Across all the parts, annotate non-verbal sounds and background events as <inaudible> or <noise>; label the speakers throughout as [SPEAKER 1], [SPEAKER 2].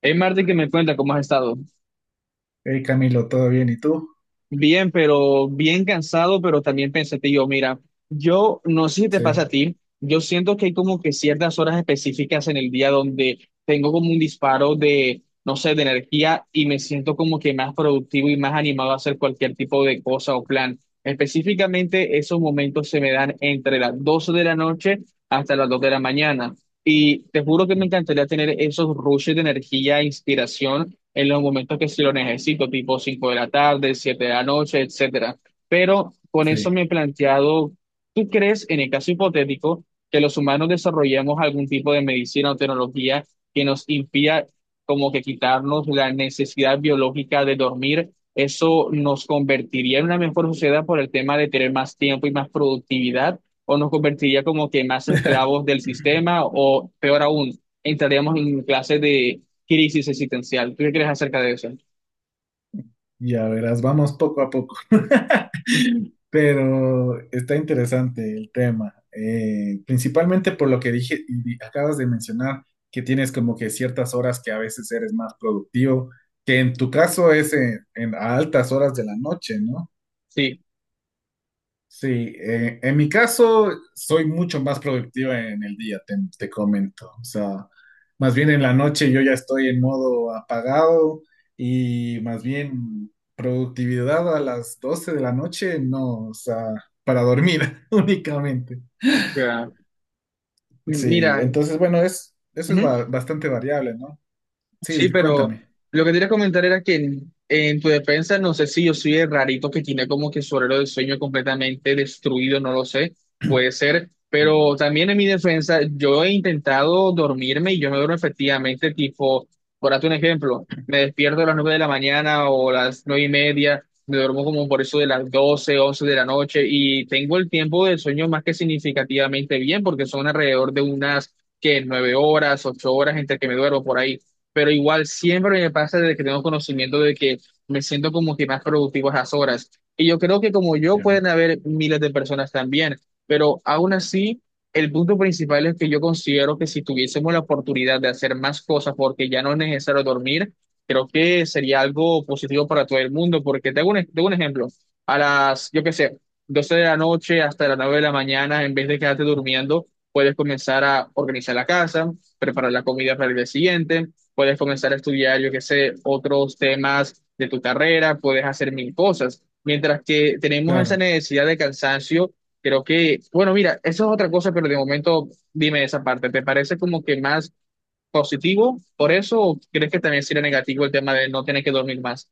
[SPEAKER 1] Hey Martín, que me cuenta cómo has estado.
[SPEAKER 2] Hey Camilo, ¿todo bien? ¿Y tú?
[SPEAKER 1] Bien, pero bien cansado, pero también pensativo. Mira, yo no sé si te pasa
[SPEAKER 2] Sí.
[SPEAKER 1] a ti, yo siento que hay como que ciertas horas específicas en el día donde tengo como un disparo de, no sé, de energía y me siento como que más productivo y más animado a hacer cualquier tipo de cosa o plan. Específicamente, esos momentos se me dan entre las 12 de la noche hasta las 2 de la mañana. Y te juro que me encantaría tener esos rushes de energía e inspiración en los momentos que sí lo necesito, tipo 5 de la tarde, 7 de la noche, etcétera. Pero con eso me
[SPEAKER 2] Sí.
[SPEAKER 1] he planteado, ¿tú crees en el caso hipotético que los humanos desarrollemos algún tipo de medicina o tecnología que nos impida como que quitarnos la necesidad biológica de dormir? ¿Eso nos convertiría en una mejor sociedad por el tema de tener más tiempo y más productividad? ¿O nos convertiría como que más esclavos
[SPEAKER 2] <laughs>
[SPEAKER 1] del sistema? O peor aún, entraríamos en clases de crisis existencial. ¿Tú qué crees acerca de eso?
[SPEAKER 2] Ya verás, vamos poco a poco. <laughs> Pero está interesante el tema, principalmente por lo que dije acabas de mencionar, que tienes como que ciertas horas que a veces eres más productivo, que en tu caso es a altas horas de la noche, ¿no?
[SPEAKER 1] Sí,
[SPEAKER 2] Sí, en mi caso soy mucho más productivo en el día, te comento. O sea, más bien en la noche yo ya estoy en modo apagado y más bien productividad a las 12 de la noche, no, o sea, para dormir <laughs> únicamente.
[SPEAKER 1] ya.
[SPEAKER 2] Sí,
[SPEAKER 1] Mira,
[SPEAKER 2] entonces bueno, eso es
[SPEAKER 1] ujú.
[SPEAKER 2] bastante variable, ¿no?
[SPEAKER 1] Sí,
[SPEAKER 2] Sí,
[SPEAKER 1] pero
[SPEAKER 2] cuéntame.
[SPEAKER 1] lo que quería comentar era que en tu defensa, no sé si yo soy el rarito que tiene como que su horario de sueño completamente destruido, no lo sé, puede ser,
[SPEAKER 2] Ya,
[SPEAKER 1] pero también en mi defensa, yo he intentado dormirme y yo me duermo efectivamente, tipo, por darte un ejemplo, me despierto a las 9 de la mañana o las 9 y media, me duermo como por eso de las doce, once de la noche y tengo el tiempo de sueño más que significativamente bien porque son alrededor de unas, que 9 horas, 8 horas entre que me duermo por ahí pero igual siempre me pasa de que tengo conocimiento de que me siento como que más productivo a esas horas. Y yo creo que como yo
[SPEAKER 2] ya,
[SPEAKER 1] pueden haber miles de personas también, pero aún así, el punto principal es que yo considero que si tuviésemos la oportunidad de hacer más cosas porque ya no es necesario dormir, creo que sería algo positivo para todo el mundo, porque te hago un ejemplo, a las, yo qué sé, 12 de la noche hasta las 9 de la mañana, en vez de quedarte durmiendo, puedes comenzar a organizar la casa, preparar la comida para el día siguiente puedes comenzar a estudiar, yo qué sé, otros temas de tu carrera, puedes hacer mil cosas. Mientras que tenemos esa
[SPEAKER 2] claro.
[SPEAKER 1] necesidad de cansancio, creo que, bueno, mira, eso es otra cosa, pero de momento dime esa parte, ¿te parece como que más positivo por eso o crees que también sería negativo el tema de no tener que dormir más?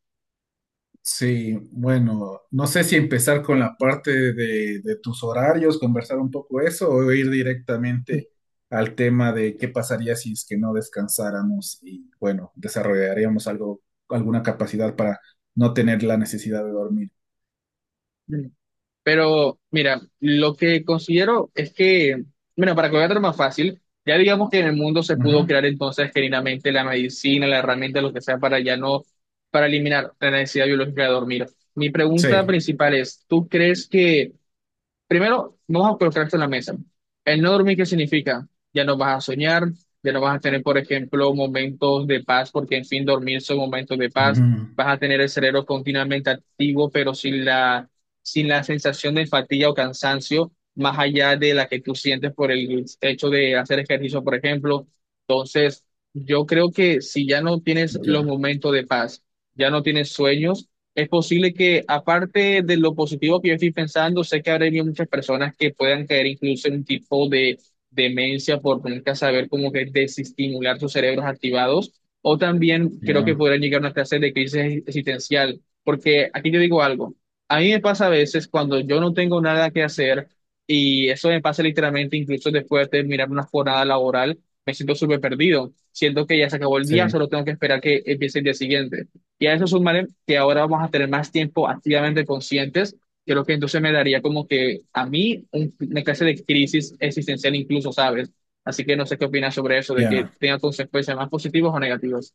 [SPEAKER 2] Sí, bueno, no sé si empezar con la parte de tus horarios, conversar un poco eso, o ir directamente
[SPEAKER 1] <laughs>
[SPEAKER 2] al tema de qué pasaría si es que no descansáramos y, bueno, desarrollaríamos algo, alguna capacidad para no tener la necesidad de dormir.
[SPEAKER 1] Pero mira, lo que considero es que, bueno, para que lo veas más fácil, ya digamos que en el mundo se
[SPEAKER 2] Ujú.
[SPEAKER 1] pudo crear entonces genuinamente la medicina, la herramienta, lo que sea, para ya no, para eliminar la necesidad biológica de dormir. Mi pregunta
[SPEAKER 2] Sí.
[SPEAKER 1] principal es, ¿tú crees que Primero, vamos a colocarte en la mesa. El no dormir, ¿qué significa? Ya no vas a soñar, ya no vas a tener, por ejemplo, momentos de paz, porque en fin, dormir son momentos de paz.
[SPEAKER 2] Ujú.
[SPEAKER 1] Vas a tener el cerebro continuamente activo, pero sin la sensación de fatiga o cansancio, más allá de la que tú sientes por el hecho de hacer ejercicio, por ejemplo. Entonces, yo creo que si ya no tienes los
[SPEAKER 2] Ya,
[SPEAKER 1] momentos de paz, ya no tienes sueños, es posible que, aparte de lo positivo que yo estoy pensando, sé que habrá habido muchas personas que puedan caer incluso en un tipo de demencia por nunca saber cómo que desestimular sus cerebros activados, o también creo que
[SPEAKER 2] ya,
[SPEAKER 1] podrán llegar a una clase de crisis existencial, porque aquí te digo algo, a mí me pasa a veces cuando yo no tengo nada que hacer, y eso me pasa literalmente incluso después de terminar una jornada laboral, me siento súper perdido, siento que ya se acabó el día,
[SPEAKER 2] sí,
[SPEAKER 1] solo tengo que esperar que empiece el día siguiente. Y a eso sumaré que ahora vamos a tener más tiempo activamente conscientes. Creo que entonces me daría como que a mí una clase de crisis existencial incluso, ¿sabes? Así que no sé qué opinas sobre eso, de que
[SPEAKER 2] ya.
[SPEAKER 1] tenga consecuencias más positivas o negativas.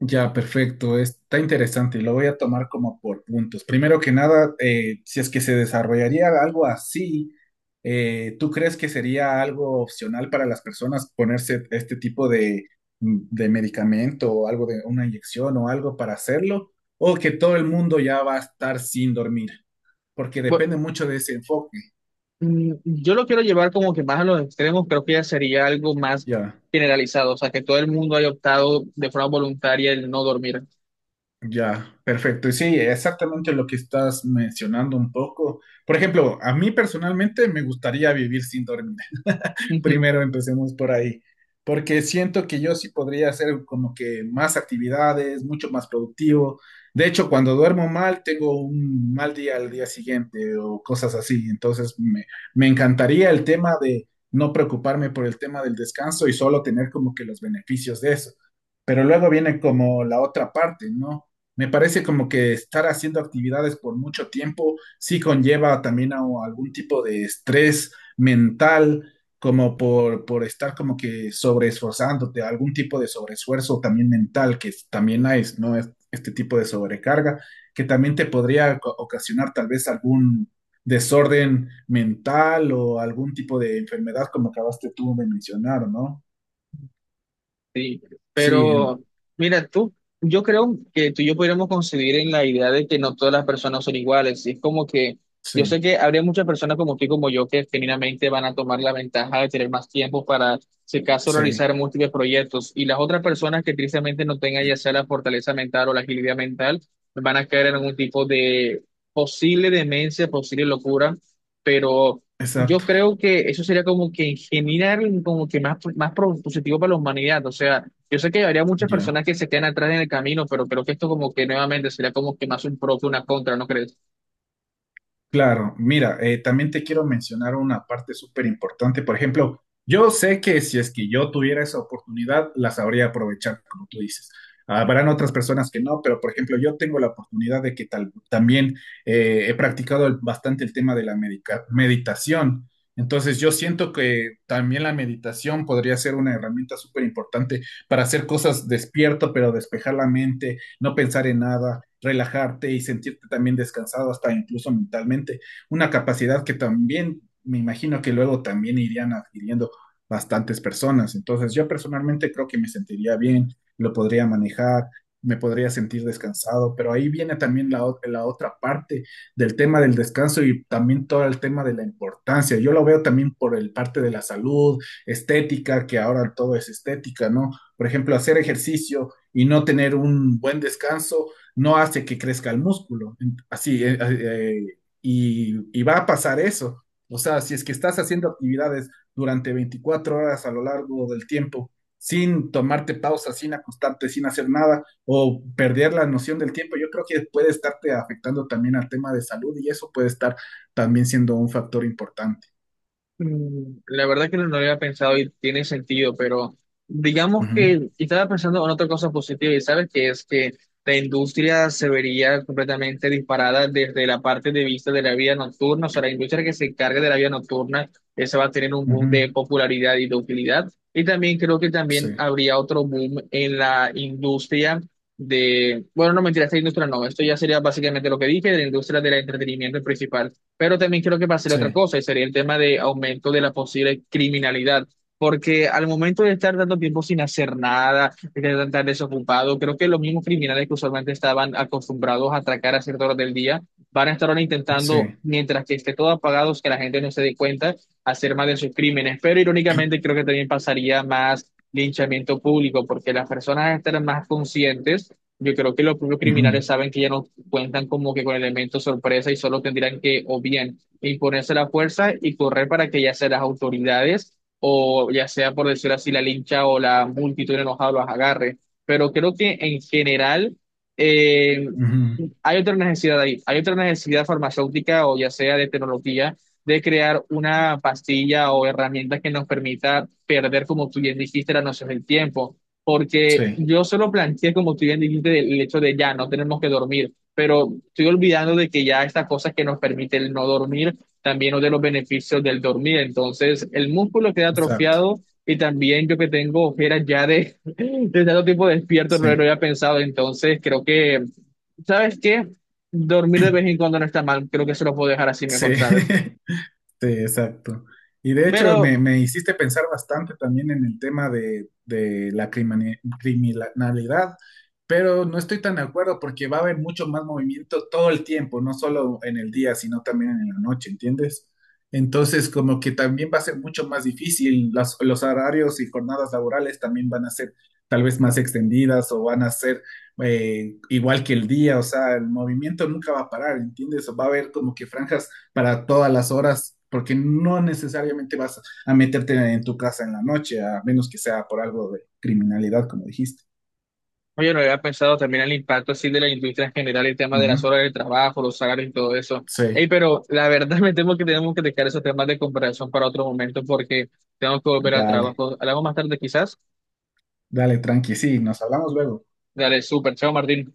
[SPEAKER 2] Ya, perfecto. Está interesante. Y lo voy a tomar como por puntos. Primero que nada, si es que se desarrollaría algo así, ¿tú crees que sería algo opcional para las personas ponerse este tipo de medicamento o algo de una inyección o algo para hacerlo? ¿O que todo el mundo ya va a estar sin dormir? Porque
[SPEAKER 1] Bueno,
[SPEAKER 2] depende mucho de ese enfoque.
[SPEAKER 1] yo lo quiero llevar como que más a los extremos, creo que ya sería algo más
[SPEAKER 2] Ya.
[SPEAKER 1] generalizado, o sea, que todo el mundo haya optado de forma voluntaria el no dormir.
[SPEAKER 2] Ya, perfecto. Y sí, exactamente lo que estás mencionando un poco. Por ejemplo, a mí personalmente me gustaría vivir sin dormir. <laughs>
[SPEAKER 1] <laughs>
[SPEAKER 2] Primero empecemos por ahí, porque siento que yo sí podría hacer como que más actividades, mucho más productivo. De hecho, cuando duermo mal, tengo un mal día al día siguiente o cosas así. Entonces, me encantaría el tema de no preocuparme por el tema del descanso y solo tener como que los beneficios de eso. Pero luego viene como la otra parte, ¿no? Me parece como que estar haciendo actividades por mucho tiempo sí conlleva también a algún tipo de estrés mental como por estar como que sobreesforzándote, algún tipo de sobreesfuerzo también mental, también hay, ¿no? Este tipo de sobrecarga, que también te podría ocasionar tal vez algún desorden mental o algún tipo de enfermedad, como acabaste tú de mencionar, ¿no?
[SPEAKER 1] Sí,
[SPEAKER 2] Sí,
[SPEAKER 1] pero mira tú, yo creo que tú y yo podríamos coincidir en la idea de que no todas las personas son iguales. Y es como que yo sé
[SPEAKER 2] sí,
[SPEAKER 1] que habría muchas personas como tú y como yo que genuinamente van a tomar la ventaja de tener más tiempo para, si acaso,
[SPEAKER 2] sí,
[SPEAKER 1] realizar múltiples proyectos. Y las otras personas que tristemente no tengan ya sea la fortaleza mental o la agilidad mental, van a caer en algún tipo de posible demencia, posible locura. Pero yo
[SPEAKER 2] exacto,
[SPEAKER 1] creo que eso sería como que en general, como que positivo para la humanidad. O sea, yo sé que habría muchas personas
[SPEAKER 2] ya.
[SPEAKER 1] que se quedan atrás en el camino, pero creo que esto como que nuevamente sería como que más un pro que una contra, ¿no crees?
[SPEAKER 2] Claro, mira, también te quiero mencionar una parte súper importante. Por ejemplo, yo sé que si es que yo tuviera esa oportunidad, la sabría aprovechar, como tú dices. Habrán otras personas que no, pero por ejemplo, yo tengo la oportunidad de que tal, también he practicado bastante el tema de la meditación. Entonces, yo siento que también la meditación podría ser una herramienta súper importante para hacer cosas despierto, pero despejar la mente no pensar en nada, relajarte y sentirte también descansado hasta incluso mentalmente. Una capacidad que también me imagino que luego también irían adquiriendo bastantes personas. Entonces yo personalmente creo que me sentiría bien, lo podría manejar, me podría sentir descansado, pero ahí viene también la otra parte del tema del descanso y también todo el tema de la importancia. Yo lo veo también por el parte de la salud, estética, que ahora todo es estética, ¿no? Por ejemplo, hacer ejercicio y no tener un buen descanso no hace que crezca el músculo. Así, y va a pasar eso. O sea, si es que estás haciendo actividades durante 24 horas a lo largo del tiempo, sin tomarte pausa, sin acostarte, sin hacer nada, o perder la noción del tiempo, yo creo que puede estarte afectando también al tema de salud y eso puede estar también siendo un factor importante.
[SPEAKER 1] La verdad que no no lo había pensado y tiene sentido, pero digamos
[SPEAKER 2] Ujú.
[SPEAKER 1] que y estaba pensando en otra cosa positiva y sabes que es que la industria se vería completamente disparada desde la parte de vista de la vida nocturna, o sea, la industria que se encargue de la vida nocturna, esa va a tener un boom
[SPEAKER 2] Ujú.
[SPEAKER 1] de popularidad y de utilidad. Y también creo que
[SPEAKER 2] Sí,
[SPEAKER 1] también habría otro boom en la industria de, bueno, no mentira, esta industria no, esto ya sería básicamente lo que dije, de la industria del entretenimiento principal pero también creo que pasaría otra
[SPEAKER 2] sí,
[SPEAKER 1] cosa, y sería el tema de aumento de la posible criminalidad. Porque al momento de estar tanto tiempo sin hacer nada, de estar tan desocupado, creo que los mismos criminales que usualmente estaban acostumbrados a atracar a cierta hora del día, van a estar ahora intentando,
[SPEAKER 2] sí.
[SPEAKER 1] mientras que esté todo apagado, que la gente no se dé cuenta, hacer más de sus crímenes. Pero irónicamente creo que también pasaría más linchamiento público, porque las personas estarán más conscientes. Yo creo que los propios
[SPEAKER 2] Ujú.
[SPEAKER 1] criminales saben que ya no cuentan como que con elementos sorpresa y solo tendrían que o bien imponerse la fuerza y correr para que ya sea las autoridades o ya sea por decir así la lincha o la multitud enojada los agarre. Pero creo que en general eh,
[SPEAKER 2] Ujú.
[SPEAKER 1] hay otra necesidad ahí, hay otra necesidad farmacéutica o ya sea de tecnología de crear una pastilla o herramienta que nos permita perder, como tú bien dijiste, la noción del tiempo porque
[SPEAKER 2] Sí,
[SPEAKER 1] yo solo planteé, como tú bien dijiste, el hecho de ya no tenemos que dormir, pero estoy olvidando de que ya estas cosas que nos permite el no dormir, también uno de los beneficios del dormir. Entonces, el músculo queda
[SPEAKER 2] exacto.
[SPEAKER 1] atrofiado y también yo que tengo ojeras ya de, <laughs> de tanto tiempo despierto, no lo
[SPEAKER 2] Sí,
[SPEAKER 1] había pensado. Entonces, creo que, ¿sabes qué? Dormir de vez en cuando no está mal, creo que se lo puedo dejar así
[SPEAKER 2] sí.
[SPEAKER 1] mejor, ¿sabes?
[SPEAKER 2] <laughs> Sí, exacto. Y de hecho
[SPEAKER 1] Pero
[SPEAKER 2] me hiciste pensar bastante también en el tema de la criminalidad, pero no estoy tan de acuerdo porque va a haber mucho más movimiento todo el tiempo, no solo en el día, sino también en la noche, ¿entiendes? Entonces, como que también va a ser mucho más difícil, los horarios y jornadas laborales también van a ser tal vez más extendidas o van a ser igual que el día, o sea, el movimiento nunca va a parar, ¿entiendes? Va a haber como que franjas para todas las horas, porque no necesariamente vas a meterte en tu casa en la noche, a menos que sea por algo de criminalidad, como dijiste.
[SPEAKER 1] oye, no había pensado también el impacto así de la industria en general, el tema de
[SPEAKER 2] Ujú.
[SPEAKER 1] las horas de trabajo, los salarios y todo eso. Ey,
[SPEAKER 2] Sí,
[SPEAKER 1] pero la <laughs> verdad me temo que tenemos que dejar esos temas de comparación para otro momento porque tengo que volver al
[SPEAKER 2] dale,
[SPEAKER 1] trabajo. Hablamos más tarde quizás.
[SPEAKER 2] dale, tranqui, sí, nos hablamos luego.
[SPEAKER 1] Dale, súper. Chao, Martín.